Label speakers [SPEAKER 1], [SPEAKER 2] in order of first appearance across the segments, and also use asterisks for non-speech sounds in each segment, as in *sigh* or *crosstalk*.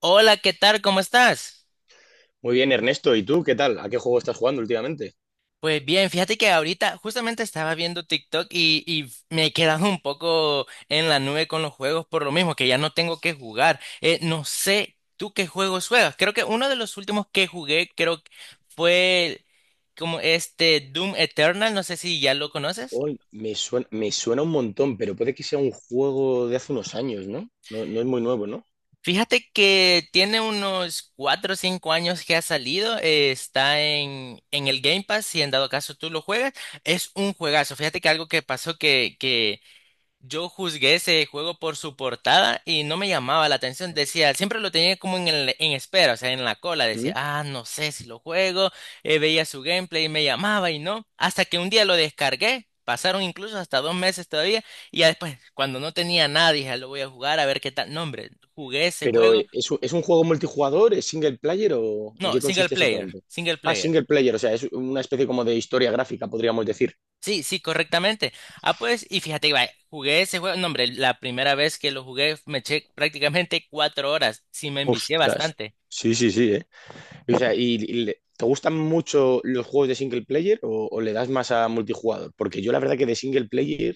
[SPEAKER 1] Hola, ¿qué tal? ¿Cómo estás?
[SPEAKER 2] Muy bien, Ernesto. ¿Y tú qué tal? ¿A qué juego estás jugando últimamente?
[SPEAKER 1] Pues bien, fíjate que ahorita justamente estaba viendo TikTok y me he quedado un poco en la nube con los juegos por lo mismo, que ya no tengo que jugar. No sé tú qué juegos juegas. Creo que uno de los últimos que jugué, creo que fue como este Doom Eternal, no sé si ya lo conoces.
[SPEAKER 2] Oh, me suena un montón, pero puede que sea un juego de hace unos años, ¿no? No, no es muy nuevo, ¿no?
[SPEAKER 1] Fíjate que tiene unos 4 o 5 años que ha salido, está en el Game Pass, si en dado caso tú lo juegas, es un juegazo. Fíjate que algo que pasó yo juzgué ese juego por su portada y no me llamaba la atención. Decía, siempre lo tenía como en espera, o sea, en la cola. Decía,
[SPEAKER 2] ¿Mm?
[SPEAKER 1] no sé si lo juego. Veía su gameplay y me llamaba y no. Hasta que un día lo descargué. Pasaron incluso hasta 2 meses todavía. Y ya después, cuando no tenía nada, dije, "Ah, lo voy a jugar a ver qué tal." No, hombre, jugué ese
[SPEAKER 2] Pero
[SPEAKER 1] juego.
[SPEAKER 2] ¿es, es un juego multijugador? ¿Es single player o en
[SPEAKER 1] No,
[SPEAKER 2] qué
[SPEAKER 1] single
[SPEAKER 2] consiste
[SPEAKER 1] player,
[SPEAKER 2] exactamente?
[SPEAKER 1] single
[SPEAKER 2] Ah,
[SPEAKER 1] player.
[SPEAKER 2] single player, o sea, es una especie como de historia gráfica, podríamos decir.
[SPEAKER 1] Sí, sí, correctamente. Ah, pues, y fíjate, va, jugué ese juego, no, hombre, la primera vez que lo jugué me eché prácticamente 4 horas, sí me envicié
[SPEAKER 2] Ostras.
[SPEAKER 1] bastante.
[SPEAKER 2] Sí, sí, sí, ¿eh? O sea, ¿y te gustan mucho los juegos de single player o le das más a multijugador? Porque yo la verdad que de single player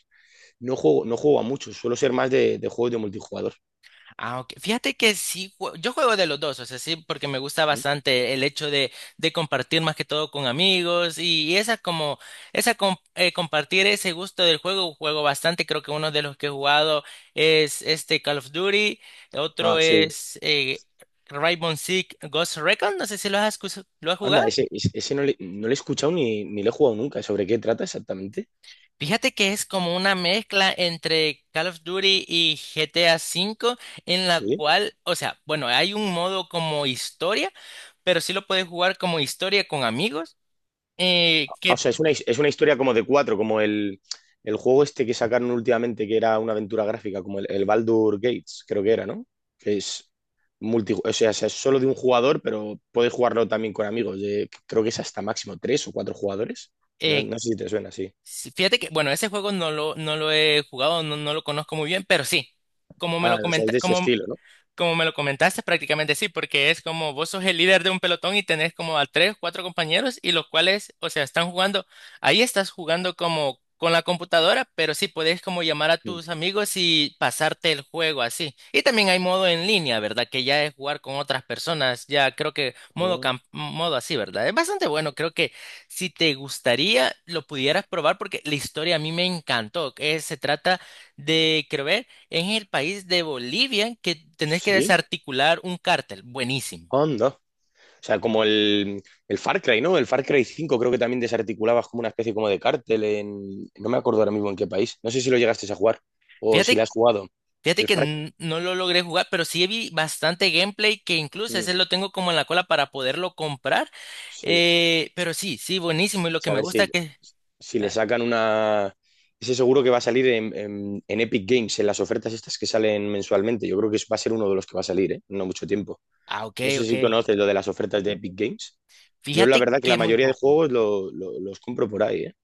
[SPEAKER 2] no juego, no juego a muchos, suelo ser más de juegos de multijugador.
[SPEAKER 1] Ah, ok. Fíjate que sí, yo juego de los dos, o sea, sí, porque me gusta bastante el hecho de compartir más que todo con amigos y esa como, compartir ese gusto del juego, juego bastante, creo que uno de los que he jugado es este Call of Duty,
[SPEAKER 2] Ah,
[SPEAKER 1] otro
[SPEAKER 2] sí.
[SPEAKER 1] es Rainbow Six Ghost Recon, no sé si lo has
[SPEAKER 2] Anda,
[SPEAKER 1] jugado.
[SPEAKER 2] ese no le he escuchado ni, ni le he jugado nunca. ¿Sobre qué trata exactamente?
[SPEAKER 1] Fíjate que es como una mezcla entre Call of Duty y GTA V, en la
[SPEAKER 2] Sí.
[SPEAKER 1] cual, o sea, bueno, hay un modo como historia, pero sí lo puedes jugar como historia con amigos.
[SPEAKER 2] Ah, o
[SPEAKER 1] Que
[SPEAKER 2] sea, es una, es una historia como de cuatro, como el juego este que sacaron últimamente, que era una aventura gráfica, como el Baldur Gates, creo que era, ¿no? Que es o sea, es solo de un jugador, pero puedes jugarlo también con amigos. Creo que es hasta máximo tres o cuatro jugadores. No,
[SPEAKER 1] eh,
[SPEAKER 2] no sé si te suena, sí.
[SPEAKER 1] sí, fíjate que, bueno, ese juego no lo he jugado, no, no lo conozco muy bien, pero sí, como me
[SPEAKER 2] Ah,
[SPEAKER 1] lo
[SPEAKER 2] o sea, es
[SPEAKER 1] comenta,
[SPEAKER 2] de ese estilo, ¿no?
[SPEAKER 1] Como me lo comentaste, prácticamente sí, porque es como vos sos el líder de un pelotón y tenés como a tres, cuatro compañeros y los cuales, o sea, están jugando, ahí estás jugando como con la computadora, pero sí podés como llamar a tus amigos y pasarte el juego así. Y también hay modo en línea, ¿verdad? Que ya es jugar con otras personas, ya creo que modo
[SPEAKER 2] Ujú.
[SPEAKER 1] camp- modo así, ¿verdad? Es bastante bueno, creo que si te gustaría lo pudieras probar porque la historia a mí me encantó. Se trata de, creo, en el país de Bolivia que tenés que
[SPEAKER 2] Sí.
[SPEAKER 1] desarticular un cártel. Buenísimo.
[SPEAKER 2] Anda. O sea, como el Far Cry, ¿no? El Far Cry cinco, creo que también desarticulabas como una especie como de cártel en... No me acuerdo ahora mismo en qué país. No sé si lo llegaste a jugar o si lo
[SPEAKER 1] Fíjate,
[SPEAKER 2] has jugado.
[SPEAKER 1] fíjate
[SPEAKER 2] El
[SPEAKER 1] que
[SPEAKER 2] Far...
[SPEAKER 1] no lo logré jugar, pero sí vi bastante gameplay que incluso
[SPEAKER 2] Mm,
[SPEAKER 1] ese lo tengo como en la cola para poderlo comprar.
[SPEAKER 2] sí.
[SPEAKER 1] Pero sí, sí, buenísimo. Y lo
[SPEAKER 2] O
[SPEAKER 1] que
[SPEAKER 2] sea, a
[SPEAKER 1] me
[SPEAKER 2] ver si,
[SPEAKER 1] gusta que.
[SPEAKER 2] si le
[SPEAKER 1] Ah,
[SPEAKER 2] sacan una... Ese seguro que va a salir en, en Epic Games, en las ofertas estas que salen mensualmente. Yo creo que va a ser uno de los que va a salir, ¿eh? No mucho tiempo.
[SPEAKER 1] ah, ok,
[SPEAKER 2] No sé
[SPEAKER 1] ok.
[SPEAKER 2] si conoces lo de las ofertas de Epic Games. Yo la
[SPEAKER 1] Fíjate
[SPEAKER 2] verdad que
[SPEAKER 1] que
[SPEAKER 2] la
[SPEAKER 1] muy
[SPEAKER 2] mayoría de
[SPEAKER 1] poco.
[SPEAKER 2] juegos los compro por ahí, ¿eh?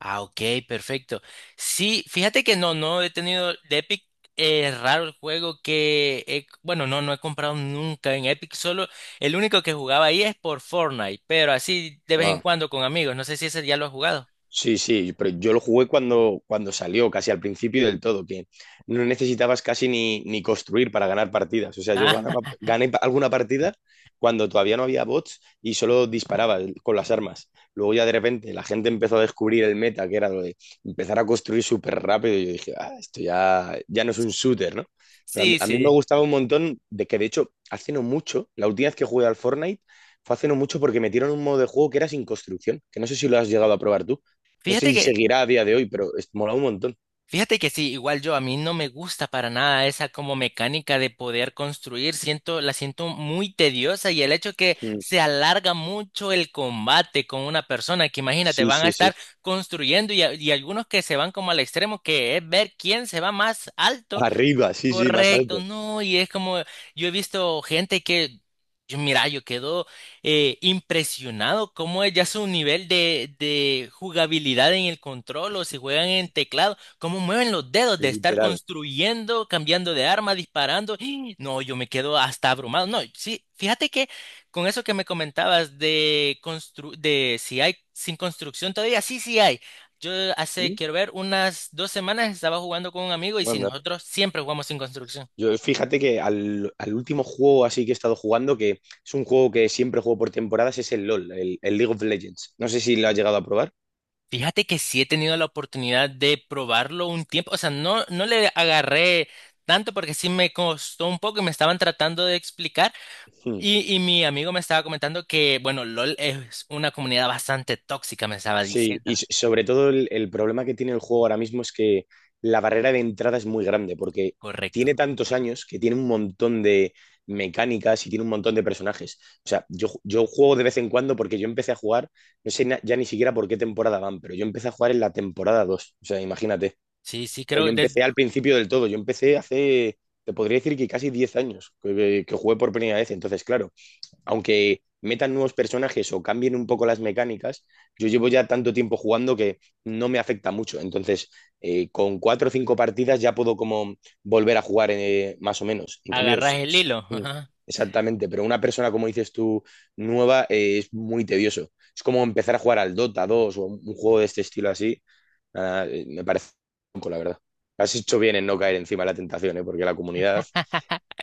[SPEAKER 1] Ah, ok, perfecto. Sí, fíjate que no he tenido de Epic. Es raro el juego que, bueno, no he comprado nunca en Epic. Solo el único que jugaba ahí es por Fortnite, pero así de vez en
[SPEAKER 2] Ah.
[SPEAKER 1] cuando con amigos. No sé si ese ya lo has jugado.
[SPEAKER 2] Sí, sí, pero yo lo jugué cuando, cuando salió, casi al principio del todo, que no necesitabas casi ni, ni construir para ganar partidas. O sea, yo
[SPEAKER 1] Ah,
[SPEAKER 2] alguna partida cuando todavía no había bots y solo disparaba con las armas. Luego ya de repente la gente empezó a descubrir el meta, que era lo de empezar a construir súper rápido y yo dije, ah, esto ya, ya no es un shooter, ¿no? Pero
[SPEAKER 1] sí,
[SPEAKER 2] a mí me
[SPEAKER 1] sí.
[SPEAKER 2] gustaba un montón de que, de hecho, hace no mucho, la última vez que jugué al Fortnite fue hace no mucho porque metieron un modo de juego que era sin construcción, que no sé si lo has llegado a probar tú. No sé
[SPEAKER 1] Fíjate
[SPEAKER 2] si
[SPEAKER 1] que
[SPEAKER 2] seguirá a día de hoy, pero es, mola un montón.
[SPEAKER 1] Fíjate que sí, igual yo, a mí no me gusta para nada esa como mecánica de poder construir, siento, la siento muy tediosa y el hecho que
[SPEAKER 2] Mm,
[SPEAKER 1] se alarga mucho el combate con una persona, que imagínate,
[SPEAKER 2] sí,
[SPEAKER 1] van a
[SPEAKER 2] sí, sí.
[SPEAKER 1] estar construyendo y algunos que se van como al extremo, que es ver quién se va más alto.
[SPEAKER 2] Arriba, sí, sí, más
[SPEAKER 1] Correcto,
[SPEAKER 2] alto,
[SPEAKER 1] no, y es como yo he visto gente que, yo, mira, yo quedo impresionado cómo es ya su nivel de jugabilidad en el control o si juegan en teclado, cómo mueven los dedos de estar
[SPEAKER 2] literal.
[SPEAKER 1] construyendo, cambiando de arma, disparando. ¡Ih! No, yo me quedo hasta abrumado. No, sí, fíjate que con eso que me comentabas de si hay sin construcción todavía, sí, sí hay. Yo hace,
[SPEAKER 2] Mm,
[SPEAKER 1] quiero ver, unas 2 semanas estaba jugando con un amigo y si
[SPEAKER 2] anda.
[SPEAKER 1] nosotros siempre jugamos sin construcción.
[SPEAKER 2] Yo fíjate que al último juego así que he estado jugando, que es un juego que siempre juego por temporadas, es el LOL, el League of Legends. No sé si lo has
[SPEAKER 1] Sí.
[SPEAKER 2] llegado a probar.
[SPEAKER 1] Fíjate que sí he tenido la oportunidad de probarlo un tiempo, o sea, no le agarré tanto porque sí me costó un poco y me estaban tratando de explicar
[SPEAKER 2] Hmm.
[SPEAKER 1] y mi amigo me estaba comentando que, bueno, LOL es una comunidad bastante tóxica, me estaba
[SPEAKER 2] Sí,
[SPEAKER 1] diciendo.
[SPEAKER 2] y sobre todo el problema que tiene el juego ahora mismo es que la barrera de entrada es muy grande, porque
[SPEAKER 1] Correcto.
[SPEAKER 2] tiene tantos años que tiene un montón de mecánicas y tiene un montón de personajes. O sea, yo, yo juego de vez en cuando porque yo empecé a jugar, no sé ya ni siquiera por qué temporada van, pero yo empecé a jugar en la temporada 2. O sea, imagínate.
[SPEAKER 1] Sí, sí,
[SPEAKER 2] Pero
[SPEAKER 1] creo
[SPEAKER 2] yo
[SPEAKER 1] que sí,
[SPEAKER 2] empecé al principio del todo, yo empecé hace, te podría decir que casi 10 años que jugué por primera vez. Entonces, claro, aunque metan nuevos personajes o cambien un poco las mecánicas, yo llevo ya tanto tiempo jugando que no me afecta mucho. Entonces, con cuatro o cinco partidas ya puedo como volver a jugar más o menos. En cambio,
[SPEAKER 1] agarras el hilo.
[SPEAKER 2] exactamente, pero una persona, como dices tú, nueva, es muy tedioso. Es como empezar a jugar al Dota 2 o un juego de este estilo así. Me parece poco, la verdad. Has hecho bien en no caer encima de la tentación, ¿eh? Porque la comunidad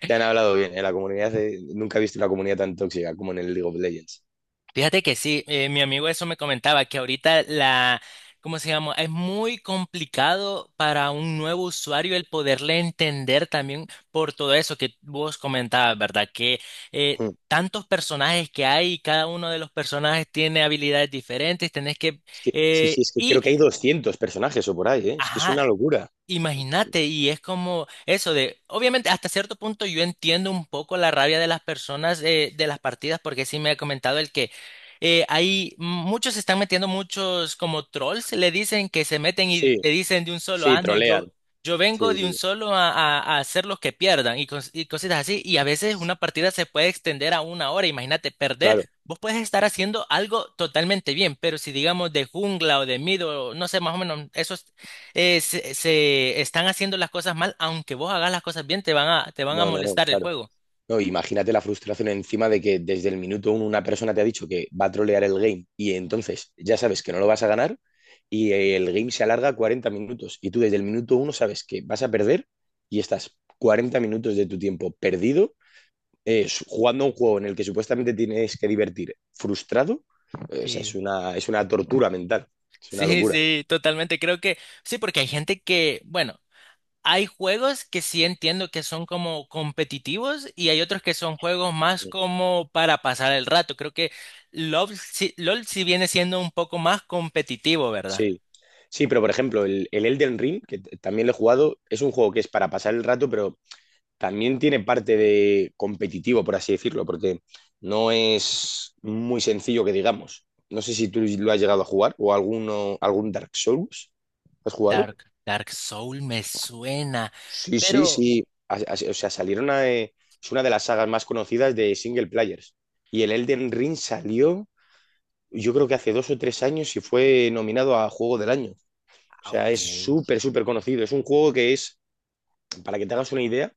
[SPEAKER 2] te han hablado bien, en la comunidad nunca he visto una comunidad tan tóxica como en el League of Legends.
[SPEAKER 1] Fíjate que sí, mi amigo eso me comentaba, que ahorita la, ¿cómo se llama? Es muy complicado para un nuevo usuario el poderle entender también por todo eso que vos comentabas, ¿verdad? Que
[SPEAKER 2] Mm.
[SPEAKER 1] tantos personajes que hay, y cada uno de los personajes tiene habilidades diferentes, tenés que.
[SPEAKER 2] Es que, sí, sí,
[SPEAKER 1] eh,
[SPEAKER 2] es que creo
[SPEAKER 1] y,
[SPEAKER 2] que hay 200 personajes o por ahí, ¿eh? Es que es
[SPEAKER 1] ajá,
[SPEAKER 2] una locura.
[SPEAKER 1] imagínate, y es como eso de, obviamente hasta cierto punto yo entiendo un poco la rabia de las personas de las partidas, porque sí me ha comentado el que hay muchos se están metiendo, muchos como trolls le dicen que se meten y
[SPEAKER 2] Sí,
[SPEAKER 1] te dicen de un solo,
[SPEAKER 2] sí,
[SPEAKER 1] ah, no,
[SPEAKER 2] trolean.
[SPEAKER 1] yo, vengo
[SPEAKER 2] Sí,
[SPEAKER 1] de un
[SPEAKER 2] sí,
[SPEAKER 1] solo a hacer los que pierdan y, y cositas así, y a veces
[SPEAKER 2] sí.
[SPEAKER 1] una partida se puede extender a una hora, imagínate perder.
[SPEAKER 2] Claro,
[SPEAKER 1] Vos puedes estar haciendo algo totalmente bien, pero si digamos de jungla o de mid o no sé, más o menos, eso se están haciendo las cosas mal, aunque vos hagas las cosas bien, te van a
[SPEAKER 2] no, no, no,
[SPEAKER 1] molestar el
[SPEAKER 2] claro.
[SPEAKER 1] juego.
[SPEAKER 2] No, imagínate la frustración encima de que desde el minuto uno una persona te ha dicho que va a trolear el game y entonces ya sabes que no lo vas a ganar y el game se alarga 40 minutos y tú desde el minuto uno sabes que vas a perder y estás 40 minutos de tu tiempo perdido jugando a un juego en el que supuestamente tienes que divertir frustrado, o sea,
[SPEAKER 1] Sí,
[SPEAKER 2] es una tortura mental, es una
[SPEAKER 1] sí,
[SPEAKER 2] locura.
[SPEAKER 1] sí, totalmente. Creo que sí, porque hay gente que, bueno, hay juegos que sí entiendo que son como competitivos y hay otros que son juegos más como para pasar el rato. Creo que LOL sí, LOL sí viene siendo un poco más competitivo, ¿verdad?
[SPEAKER 2] Sí. Sí, pero por ejemplo, el Elden Ring, que también lo he jugado, es un juego que es para pasar el rato, pero también tiene parte de competitivo, por así decirlo, porque no es muy sencillo que digamos. No sé si tú lo has llegado a jugar o alguno, algún Dark Souls. ¿Has jugado?
[SPEAKER 1] Dark Soul me suena,
[SPEAKER 2] Sí, sí,
[SPEAKER 1] pero
[SPEAKER 2] sí. O sea, salieron a, es una de las sagas más conocidas de single players. Y el Elden Ring salió, yo creo que hace dos o tres años y fue nominado a Juego del Año. O sea,
[SPEAKER 1] ok,
[SPEAKER 2] es súper, súper conocido. Es un juego que es, para que te hagas una idea,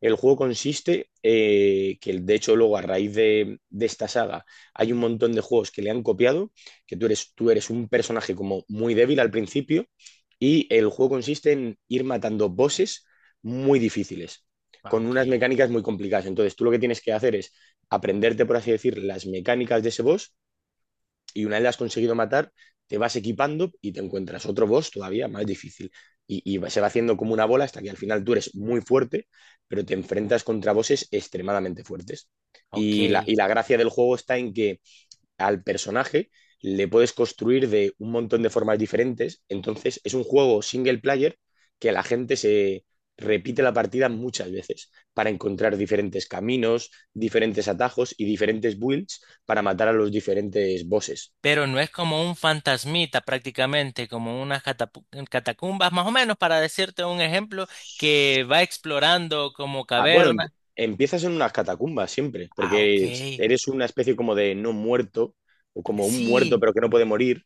[SPEAKER 2] el juego consiste, que de hecho luego a raíz de esta saga hay un montón de juegos que le han copiado, que tú eres un personaje como muy débil al principio y el juego consiste en ir matando bosses muy difíciles, con
[SPEAKER 1] ok,
[SPEAKER 2] unas mecánicas muy complicadas. Entonces tú lo que tienes que hacer es aprenderte, por así decir, las mecánicas de ese boss y una vez la has conseguido matar, te vas equipando y te encuentras otro boss todavía más difícil. Se va haciendo como una bola hasta que al final tú eres muy fuerte, pero te enfrentas contra bosses extremadamente fuertes.
[SPEAKER 1] ok.
[SPEAKER 2] Y la gracia del juego está en que al personaje le puedes construir de un montón de formas diferentes. Entonces es un juego single player que la gente se repite la partida muchas veces para encontrar diferentes caminos, diferentes atajos y diferentes builds para matar a los diferentes bosses.
[SPEAKER 1] Pero no es como un fantasmita prácticamente, como unas catacumbas, más o menos para decirte un ejemplo, que va explorando como
[SPEAKER 2] Ah, bueno,
[SPEAKER 1] cavernas.
[SPEAKER 2] empiezas en unas catacumbas siempre,
[SPEAKER 1] Ah, ok.
[SPEAKER 2] porque eres una especie como de no muerto, o como un muerto
[SPEAKER 1] Sí,
[SPEAKER 2] pero que no puede morir.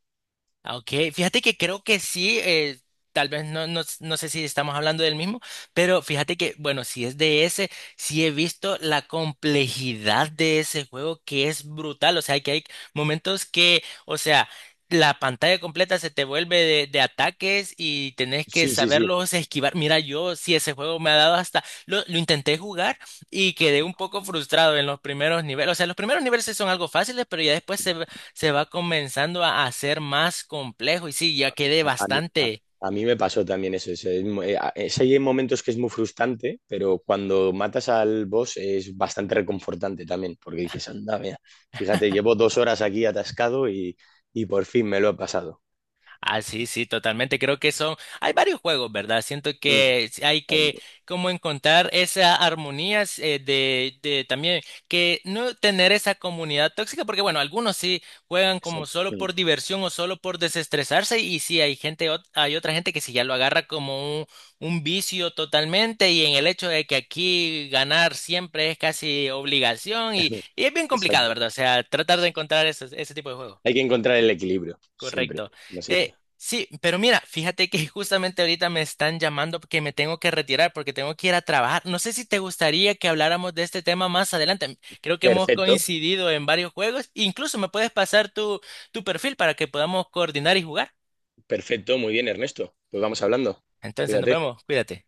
[SPEAKER 1] ah, ok, fíjate que creo que sí, tal vez no, no sé si estamos hablando del mismo, pero fíjate que, bueno, si es de ese, sí he visto la complejidad de ese juego que es brutal, o sea, que hay momentos que, o sea, la pantalla completa se te vuelve de ataques y tenés que
[SPEAKER 2] Sí, sí, sí.
[SPEAKER 1] saberlos esquivar. Mira, yo sí ese juego me ha dado hasta, lo intenté jugar y quedé un poco frustrado en los primeros niveles, o sea, los primeros niveles sí son algo fáciles, pero ya después se va comenzando a hacer más complejo y sí, ya quedé
[SPEAKER 2] A, a mí, a,
[SPEAKER 1] bastante,
[SPEAKER 2] a mí me pasó también eso. Es hay momentos que es muy frustrante, pero cuando matas al boss es bastante reconfortante también, porque dices, anda, mira, fíjate, llevo dos horas aquí atascado y por fin me lo he pasado.
[SPEAKER 1] ah, sí, sí, totalmente. Creo que son, hay varios juegos, ¿verdad? Siento
[SPEAKER 2] Mm.
[SPEAKER 1] que hay
[SPEAKER 2] Ay,
[SPEAKER 1] que
[SPEAKER 2] no,
[SPEAKER 1] como encontrar esa armonía de también que no tener esa comunidad tóxica, porque bueno, algunos sí juegan como
[SPEAKER 2] exacto.
[SPEAKER 1] solo
[SPEAKER 2] Mm.
[SPEAKER 1] por diversión o solo por desestresarse y sí hay gente, hay otra gente que sí ya lo agarra como un vicio totalmente y en el hecho de que aquí ganar siempre es casi obligación y,
[SPEAKER 2] *laughs*
[SPEAKER 1] y es bien complicado,
[SPEAKER 2] Exacto.
[SPEAKER 1] ¿verdad? O sea, tratar de encontrar ese tipo de juegos.
[SPEAKER 2] Hay que encontrar el equilibrio, siempre,
[SPEAKER 1] Correcto.
[SPEAKER 2] como se dice.
[SPEAKER 1] Sí, pero mira, fíjate que *laughs* justamente ahorita me están llamando porque me tengo que retirar, porque tengo que ir a trabajar. No sé si te gustaría que habláramos de este tema más adelante. Creo que hemos
[SPEAKER 2] Perfecto.
[SPEAKER 1] coincidido en varios juegos. Incluso me puedes pasar tu perfil para que podamos coordinar y jugar.
[SPEAKER 2] Perfecto, muy bien, Ernesto. Pues vamos hablando.
[SPEAKER 1] Entonces, nos
[SPEAKER 2] Cuídate.
[SPEAKER 1] vemos. Cuídate.